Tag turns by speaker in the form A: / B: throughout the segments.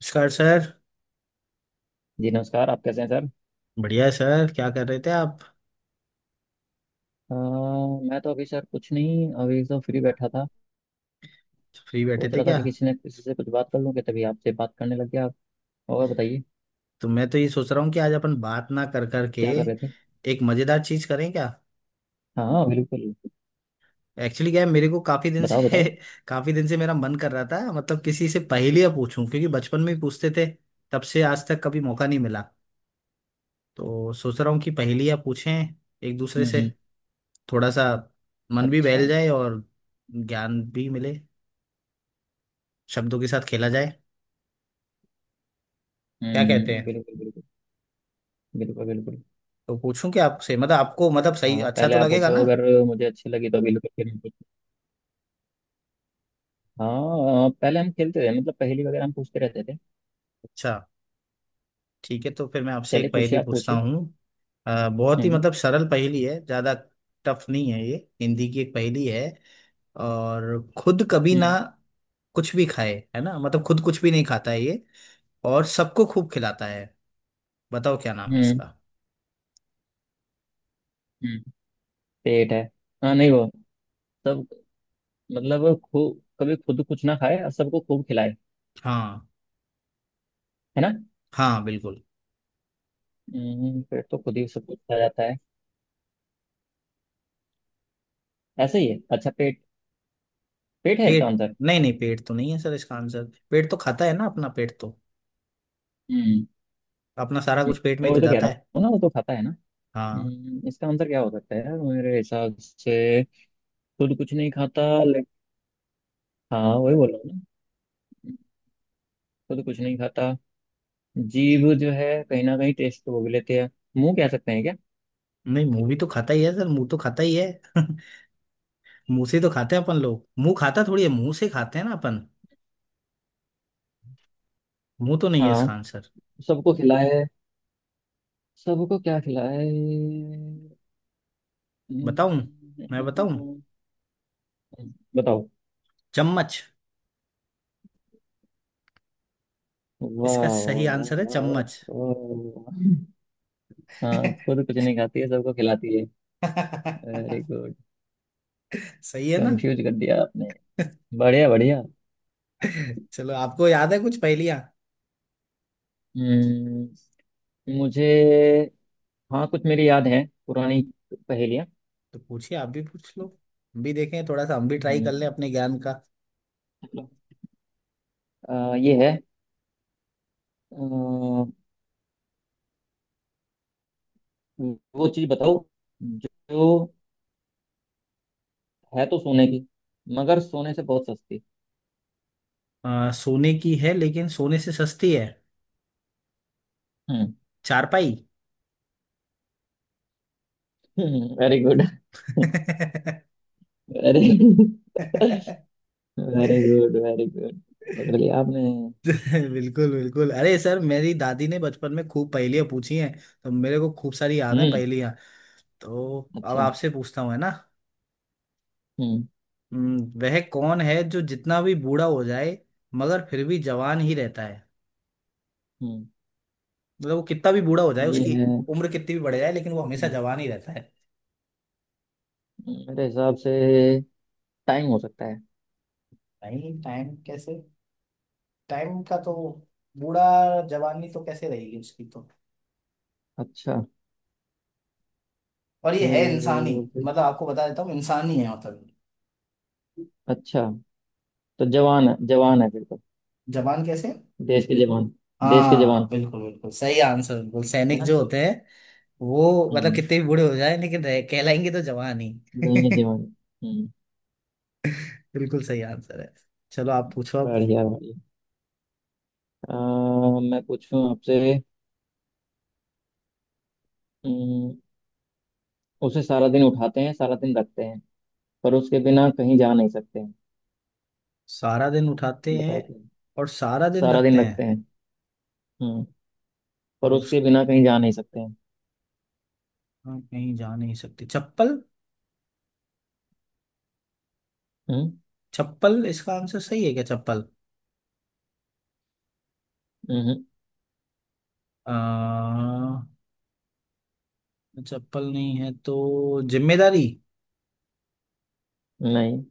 A: नमस्कार सर।
B: जी नमस्कार। आप कैसे हैं सर?
A: बढ़िया है सर। क्या कर रहे थे आप?
B: अ, मैं तो अभी सर कुछ नहीं, अभी तो फ्री बैठा था।
A: फ्री बैठे
B: सोच
A: थे
B: रहा था
A: क्या?
B: कि किसी ने किसी से कुछ बात कर लूं कि तभी आपसे बात करने लग गया। आप और बताइए,
A: तो मैं तो ये सोच रहा हूँ कि आज अपन बात ना कर कर के
B: क्या कर रहे थे?
A: एक मज़ेदार चीज़ करें क्या।
B: हाँ हाँ बिल्कुल,
A: एक्चुअली क्या है, मेरे को काफ़ी दिन
B: बताओ
A: से
B: बताओ।
A: काफ़ी दिन से मेरा मन कर रहा था, मतलब किसी से पहेलियाँ पूछूं, क्योंकि बचपन में ही पूछते थे। तब से आज तक कभी मौका नहीं मिला। तो सोच रहा हूँ कि पहेलियाँ पूछें एक दूसरे
B: हम्म
A: से।
B: हम्म,
A: थोड़ा सा मन भी
B: अच्छा।
A: बहल जाए और ज्ञान भी मिले, शब्दों के साथ खेला जाए। क्या कहते
B: हम्म,
A: हैं?
B: बिल्कुल बिल्कुल। बिल्कुल बिल्कुल।
A: तो पूछूं क्या आपसे, मतलब आपको मतलब सही
B: हाँ
A: अच्छा
B: पहले
A: तो
B: आप
A: लगेगा
B: पूछो,
A: ना।
B: अगर मुझे अच्छी लगी तो बिल्कुल फिर मैं पूछूं। हाँ पहले हम खेलते थे, मतलब पहेली वगैरह हम पूछते रहते थे।
A: अच्छा, ठीक है। तो फिर मैं आपसे
B: चलिए
A: एक
B: पूछिए,
A: पहेली
B: आप
A: पूछता
B: पूछिए।
A: हूँ। बहुत ही
B: हम्म।
A: मतलब सरल पहेली है, ज्यादा टफ नहीं है ये। हिंदी की एक पहेली है। और खुद कभी ना
B: हम्म।
A: कुछ भी खाए है ना, मतलब खुद कुछ भी नहीं खाता है ये, और सबको खूब खिलाता है। बताओ क्या नाम है
B: हम्म।
A: इसका।
B: हम्म। पेट है। हाँ नहीं वो, सब, मतलब खूब कभी खुद कुछ ना खाए और सबको खूब खिलाए,
A: हाँ
B: है ना।
A: हाँ बिल्कुल।
B: पेट तो खुद ही सब कुछ खा जाता है। ऐसे ही है, अच्छा। पेट, पेट है इसका
A: पेट?
B: आंसर।
A: नहीं नहीं, पेट तो नहीं है सर इसका आंसर। पेट तो खाता है ना, अपना पेट तो
B: हम्म,
A: अपना सारा कुछ पेट में
B: मैं
A: ही तो
B: वही तो कह
A: जाता
B: रहा
A: है।
B: हूँ ना, वो तो खाता है ना।
A: हाँ।
B: इसका आंसर क्या हो सकता है यार, मेरे हिसाब से। खुद कुछ नहीं खाता लेकिन। हाँ वही बोल रहा हूँ ना, खुद कुछ नहीं खाता। जीभ जो है कहीं ना कहीं टेस्ट तो वो भी लेते हैं। मुंह कह सकते हैं क्या?
A: नहीं, मुंह भी तो खाता ही है सर, मुंह तो खाता ही है। मुंह से तो खाते हैं अपन लोग, मुंह खाता थोड़ी है, मुंह से खाते हैं ना अपन। मुंह तो नहीं है
B: हाँ।
A: इसका आंसर।
B: सबको खिलाए, सबको क्या खिलाए।
A: बताऊं?
B: हम्म,
A: मैं बताऊं?
B: बताओ।
A: चम्मच।
B: वाह।
A: इसका सही
B: वाह।
A: आंसर है
B: वाह
A: चम्मच।
B: वाह। वाह। हाँ खुद कुछ नहीं खाती है, सबको खिलाती है। Very good.
A: सही है ना।
B: कंफ्यूज कर दिया आपने। बढ़िया बढ़िया।
A: चलो, आपको याद है कुछ पहेलियां?
B: हम्म, मुझे, हाँ कुछ मेरी याद है पुरानी पहेलियाँ।
A: तो पूछिए, आप भी पूछ लो, हम भी देखें थोड़ा सा, हम भी ट्राई कर लें
B: हम्म,
A: अपने ज्ञान का।
B: चलो। ये है अ, वो चीज़ बताओ जो है तो सोने की मगर सोने से बहुत सस्ती।
A: सोने की है लेकिन सोने से सस्ती है। चारपाई।
B: हम्म, very good. Very, very good, very good. पकड़ लिया आपने।
A: बिल्कुल बिल्कुल। अरे सर, मेरी दादी ने बचपन में खूब पहेलियां पूछी हैं, तो मेरे को खूब सारी याद है
B: हम्म,
A: पहेलियां। तो अब
B: अच्छा।
A: आपसे पूछता हूँ, है ना।
B: हम्म।
A: वह कौन है जो जितना भी बूढ़ा हो जाए मगर फिर भी जवान ही रहता है।
B: हम्म।
A: मतलब वो कितना भी बूढ़ा हो जाए,
B: ये
A: उसकी
B: है।
A: उम्र कितनी भी बढ़ जाए, लेकिन वो हमेशा
B: हम्म,
A: जवान ही रहता है।
B: मेरे हिसाब से टाइम हो सकता है।
A: नहीं, टाइम कैसे? टाइम का तो बूढ़ा जवानी तो कैसे रहेगी उसकी तो।
B: अच्छा,
A: और ये है इंसानी,
B: फिर।
A: मतलब आपको बता देता हूँ इंसानी है मतलब।
B: अच्छा, तो जवान है, जवान है फिर तो।
A: जवान कैसे?
B: देश के जवान। देश के
A: हाँ
B: जवान,
A: बिल्कुल बिल्कुल, सही आंसर। बिल्कुल,
B: है
A: सैनिक
B: ना।
A: जो होते हैं वो, मतलब
B: हम्म,
A: कितने भी बूढ़े हो जाए लेकिन कहलाएंगे तो जवान ही।
B: लड़ाई में जवान। हम्म,
A: बिल्कुल सही आंसर है। चलो आप पूछो अब।
B: बढ़िया बढ़िया। मैं पूछूं आपसे। हम्म, उसे सारा दिन उठाते हैं, सारा दिन रखते हैं, पर उसके बिना कहीं जा नहीं सकते हैं।
A: सारा दिन उठाते हैं
B: बताओ क्या है?
A: और सारा दिन
B: सारा
A: रखते
B: दिन रखते
A: हैं,
B: हैं। हम्म, पर
A: और
B: उसके
A: उसकी
B: बिना कहीं जा नहीं सकते हैं।
A: हम कहीं जा नहीं सकते। चप्पल।
B: हम्म।
A: चप्पल इसका आंसर सही है क्या, चप्पल?
B: हम्म,
A: अ, चप्पल नहीं है तो जिम्मेदारी?
B: नहीं,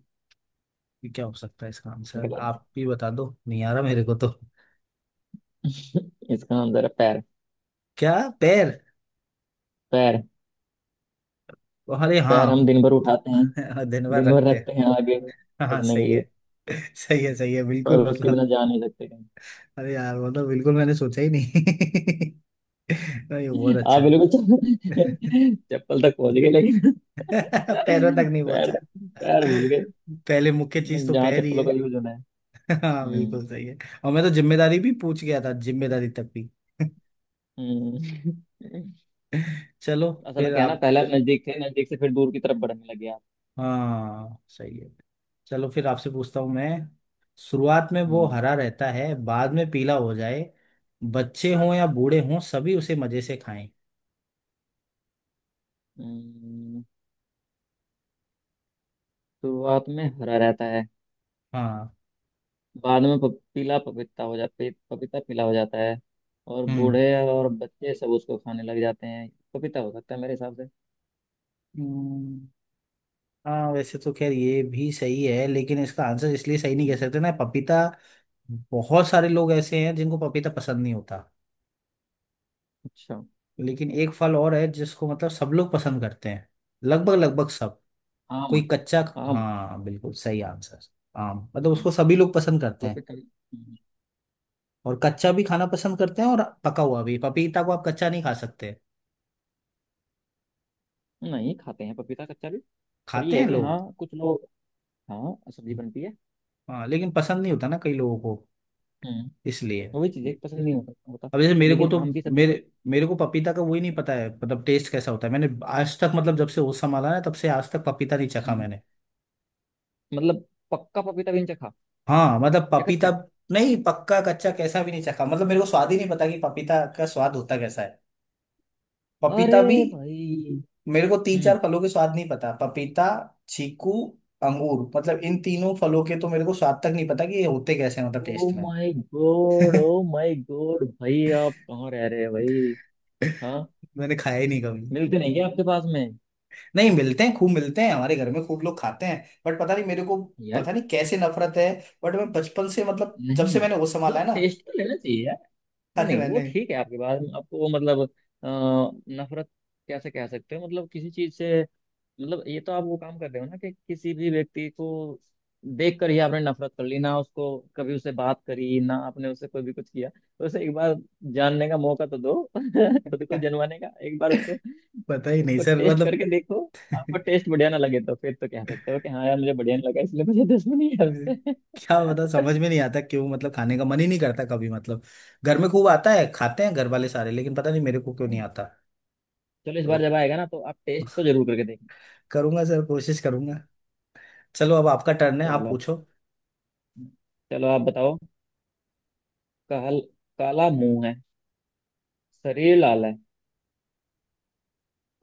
A: ये क्या हो सकता है इसका आंसर,
B: गलत।
A: आप भी बता दो, नहीं आ रहा मेरे को तो।
B: इसका आंसर है पैर।
A: क्या? पैर?
B: पैर।
A: अरे
B: पैर हम
A: हाँ।
B: दिन भर उठाते हैं,
A: दिन भर
B: दिन भर
A: रखते हैं।
B: रखते हैं आगे
A: हाँ हाँ,
B: पढ़ने के
A: सही
B: लिए,
A: है। सही है बिल्कुल,
B: पर उसके बिना
A: मतलब
B: जा नहीं सकते
A: अरे यार मतलब बिल्कुल मैंने सोचा ही नहीं। नहीं, ये
B: कहीं।
A: बहुत
B: आप
A: अच्छा है।
B: बिल्कुल चप्पल चप्पल तक पहुंच गए लेकिन
A: पैरों तक नहीं
B: पैर,
A: पहुंचा।
B: पैर भूल गए,
A: पहले मुख्य चीज तो
B: जहाँ
A: पैर ही
B: चप्पलों
A: है।
B: का यूज होना है।
A: हाँ
B: हम्म।
A: बिल्कुल सही है। और मैं तो जिम्मेदारी भी पूछ गया था, जिम्मेदारी तक भी।
B: हम्म।
A: चलो
B: असल में
A: फिर
B: क्या है ना,
A: आप।
B: पहले आप नजदीक थे, नजदीक से फिर दूर की तरफ बढ़ने लगे आप।
A: हाँ सही है। चलो फिर आपसे पूछता हूँ मैं। शुरुआत में वो
B: हम्म।
A: हरा रहता है, बाद में पीला हो जाए। बच्चे हों या बूढ़े हों, सभी उसे मजे से खाएं।
B: हम्म, शुरुआत में हरा रहता है,
A: हाँ।
B: बाद में पीला, पपीता पीला हो जाता है, और
A: हम्म।
B: बूढ़े और बच्चे सब उसको खाने लग जाते हैं, पपीता हो सकता है मेरे हिसाब से।
A: हम्म, हाँ वैसे तो खैर ये भी सही है, लेकिन इसका आंसर इसलिए सही नहीं कह
B: हम्म,
A: सकते ना, पपीता। बहुत सारे लोग ऐसे हैं जिनको पपीता पसंद नहीं होता।
B: अच्छा।
A: लेकिन एक फल और है जिसको मतलब सब लोग पसंद करते हैं, लगभग लगभग सब।
B: आम।
A: कोई कच्चा।
B: आम।
A: हाँ बिल्कुल सही आंसर। आम, मतलब
B: हम्म,
A: उसको सभी लोग पसंद करते हैं,
B: पपीता।
A: और कच्चा भी खाना पसंद करते हैं और पका हुआ भी। पपीता को आप कच्चा नहीं खा सकते।
B: नहीं खाते हैं पपीता कच्चा भी, पर
A: खाते
B: ये है
A: हैं
B: कि हाँ
A: लोग।
B: कुछ लोग, हाँ सब्जी बनती है।
A: हाँ लेकिन पसंद नहीं होता ना कई लोगों को,
B: हम्म,
A: इसलिए।
B: वही चीजें पसंद नहीं होता होता।
A: अब जैसे मेरे को
B: लेकिन
A: तो
B: आम की सब्जी का।
A: मेरे मेरे को पपीता का वही नहीं पता है, मतलब टेस्ट कैसा होता है। मैंने आज तक, मतलब जब से होश संभाला है तब से आज तक पपीता नहीं चखा
B: हम्म,
A: मैंने।
B: मतलब, पक्का पपीता भी नहीं चखा
A: हाँ मतलब
B: या
A: पपीता
B: कच्चा?
A: नहीं, पक्का कच्चा कैसा भी नहीं चखा, मतलब मेरे को स्वाद ही नहीं पता कि पपीता का स्वाद होता कैसा है। पपीता भी,
B: अरे भाई।
A: मेरे को तीन चार फलों के स्वाद नहीं पता। पपीता, चीकू, अंगूर, मतलब इन तीनों फलों के तो मेरे को स्वाद तक नहीं पता कि ये होते कैसे हैं मतलब
B: ओ
A: टेस्ट में।
B: My god, oh my god भाई, आप कहाँ रह रहे हैं भाई? हाँ,
A: मैंने खाया ही नहीं कभी।
B: मिलते नहीं क्या आपके पास में?
A: नहीं मिलते हैं, खूब मिलते हैं हमारे घर में, खूब लोग खाते हैं, बट पता नहीं मेरे को।
B: यार,
A: पता नहीं कैसे नफरत है, बट मैं बचपन से मतलब जब से
B: नहीं
A: मैंने वो संभाला है
B: मतलब
A: ना।
B: टेस्ट तो लेना चाहिए यार। नहीं
A: अरे
B: नहीं, वो
A: मैंने
B: ठीक है, आपके पास में आपको वो मतलब नफरत कैसे कह सकते हो मतलब किसी चीज से? मतलब ये तो आप वो काम कर रहे हो ना कि किसी भी व्यक्ति को देख कर ही आपने नफरत कर ली, ना उसको कभी, उससे बात करी ना आपने, उससे कोई भी कुछ किया तो, उसे एक बार जानने का मौका तो दो। खुद को जनवाने का एक बार उसको।
A: पता ही नहीं
B: उसको
A: सर
B: टेस्ट
A: मतलब।
B: करके देखो, आपको टेस्ट बढ़िया ना लगे तो फिर तो कह सकते हो कि हाँ यार, मुझे बढ़िया नहीं लगा, इसलिए मुझे दुश्मनी है
A: हम्म।
B: उससे।
A: क्या बता, समझ में नहीं आता क्यों, मतलब खाने का मन ही नहीं करता कभी, मतलब घर में खूब आता है, खाते हैं घर वाले सारे, लेकिन पता नहीं मेरे को क्यों नहीं आता।
B: चलो इस
A: तो
B: बार जब आएगा ना तो आप टेस्ट तो जरूर करके देखना।
A: करूंगा सर, कोशिश करूंगा। चलो अब आपका टर्न है, आप
B: चलो,
A: पूछो।
B: चलो आप बताओ। काल काला मुंह है, शरीर लाल है।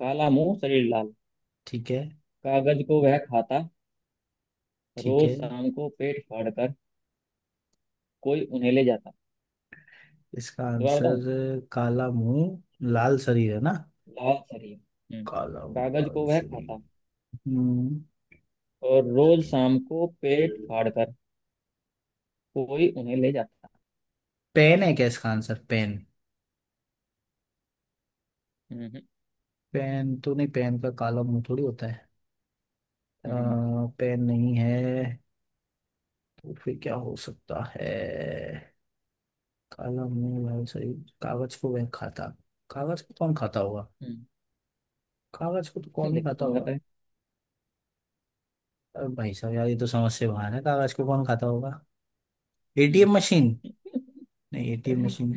B: काला मुंह, शरीर लाल।
A: ठीक है।
B: कागज को वह खाता,
A: ठीक
B: रोज
A: है,
B: शाम को पेट फाड़कर कोई उन्हें ले जाता।
A: इसका
B: दोबारा बताऊं।
A: आंसर काला मुंह लाल शरीर है ना।
B: लाल सरिया। हम्म।
A: काला मुंह
B: कागज
A: लाल
B: को वह
A: शरीर।
B: खाता,
A: हम्म।
B: और रोज शाम को पेट फाड़कर कोई उन्हें ले जाता।
A: पेन है क्या इसका आंसर, पेन?
B: हम्म।
A: पेन तो नहीं, पेन का काला मुंह थोड़ी होता है। आ,
B: हम्म।
A: पेन नहीं है तो फिर क्या हो सकता है? कलम नहीं भाई सही। कागज को वह खाता, कागज को कौन खाता होगा?
B: हम्म।
A: कागज को तो कौन ही
B: देखो
A: खाता
B: कौन
A: होगा।
B: खाता है।
A: अरे भाई साहब यार, ये तो समझ से बाहर है, कागज को कौन खाता होगा।
B: हम्म।
A: ATM machine? नहीं, एटीएम मशीन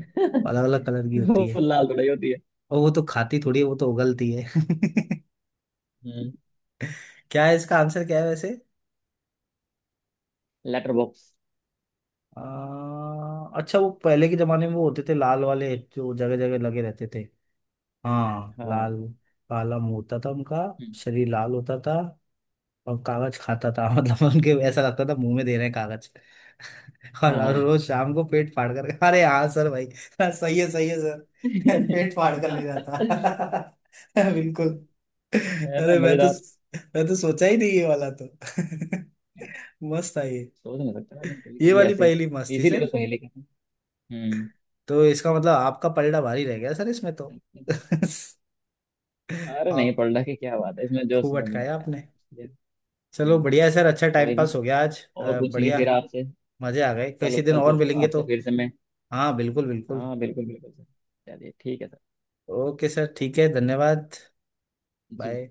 A: अलग अलग कलर की होती
B: वो
A: है,
B: लाल थोड़ी होती है।
A: और वो तो खाती थोड़ी है, वो तो उगलती है।
B: हम्म।
A: क्या है इसका आंसर, क्या है वैसे?
B: Letter box.
A: आ, अच्छा, वो पहले के जमाने में वो होते थे लाल वाले जो जगह जगह लगे रहते थे। हाँ,
B: हाँ।
A: लाल, काला मुंह होता था उनका,
B: हम्म,
A: शरीर लाल होता था, और कागज खाता था। मतलब उनके ऐसा लगता था मुंह में दे रहे हैं कागज।
B: हाँ
A: और
B: हाँ।
A: रोज शाम को पेट फाड़ कर, अरे हाँ सर भाई। हाँ, सही है सर। पेट फाड़ कर ले जाता। बिल्कुल।
B: है ना
A: अरे मैं तो
B: मजेदार।
A: सोचा ही नहीं ये वाला तो। मस्त था ये
B: सोच नहीं सकता आदमी कभी
A: ये
B: कभी
A: वाली
B: ऐसे।
A: पहेली मस्त थी
B: इसीलिए तो
A: सर।
B: पहले कहते हैं। हम्म,
A: तो इसका मतलब आपका पलड़ा भारी रह गया सर इसमें तो।
B: अरे नहीं,
A: आप
B: पलटा की क्या बात है इसमें, जो
A: खूब
B: समझ में
A: अटकाया
B: आया
A: आपने।
B: इसलिए।
A: चलो
B: हम्म,
A: बढ़िया है सर, अच्छा टाइम
B: कोई
A: पास
B: नहीं,
A: हो गया आज।
B: और पूछेंगे
A: बढ़िया,
B: फिर आपसे।
A: मजे आ गए,
B: कल
A: किसी दिन
B: कल
A: और
B: पूछूंगा
A: मिलेंगे तो।
B: आपसे फिर से मैं।
A: हाँ बिल्कुल बिल्कुल।
B: हाँ बिल्कुल बिल्कुल सर। चलिए ठीक है सर।
A: ओके सर, ठीक है, धन्यवाद।
B: जी।
A: बाय।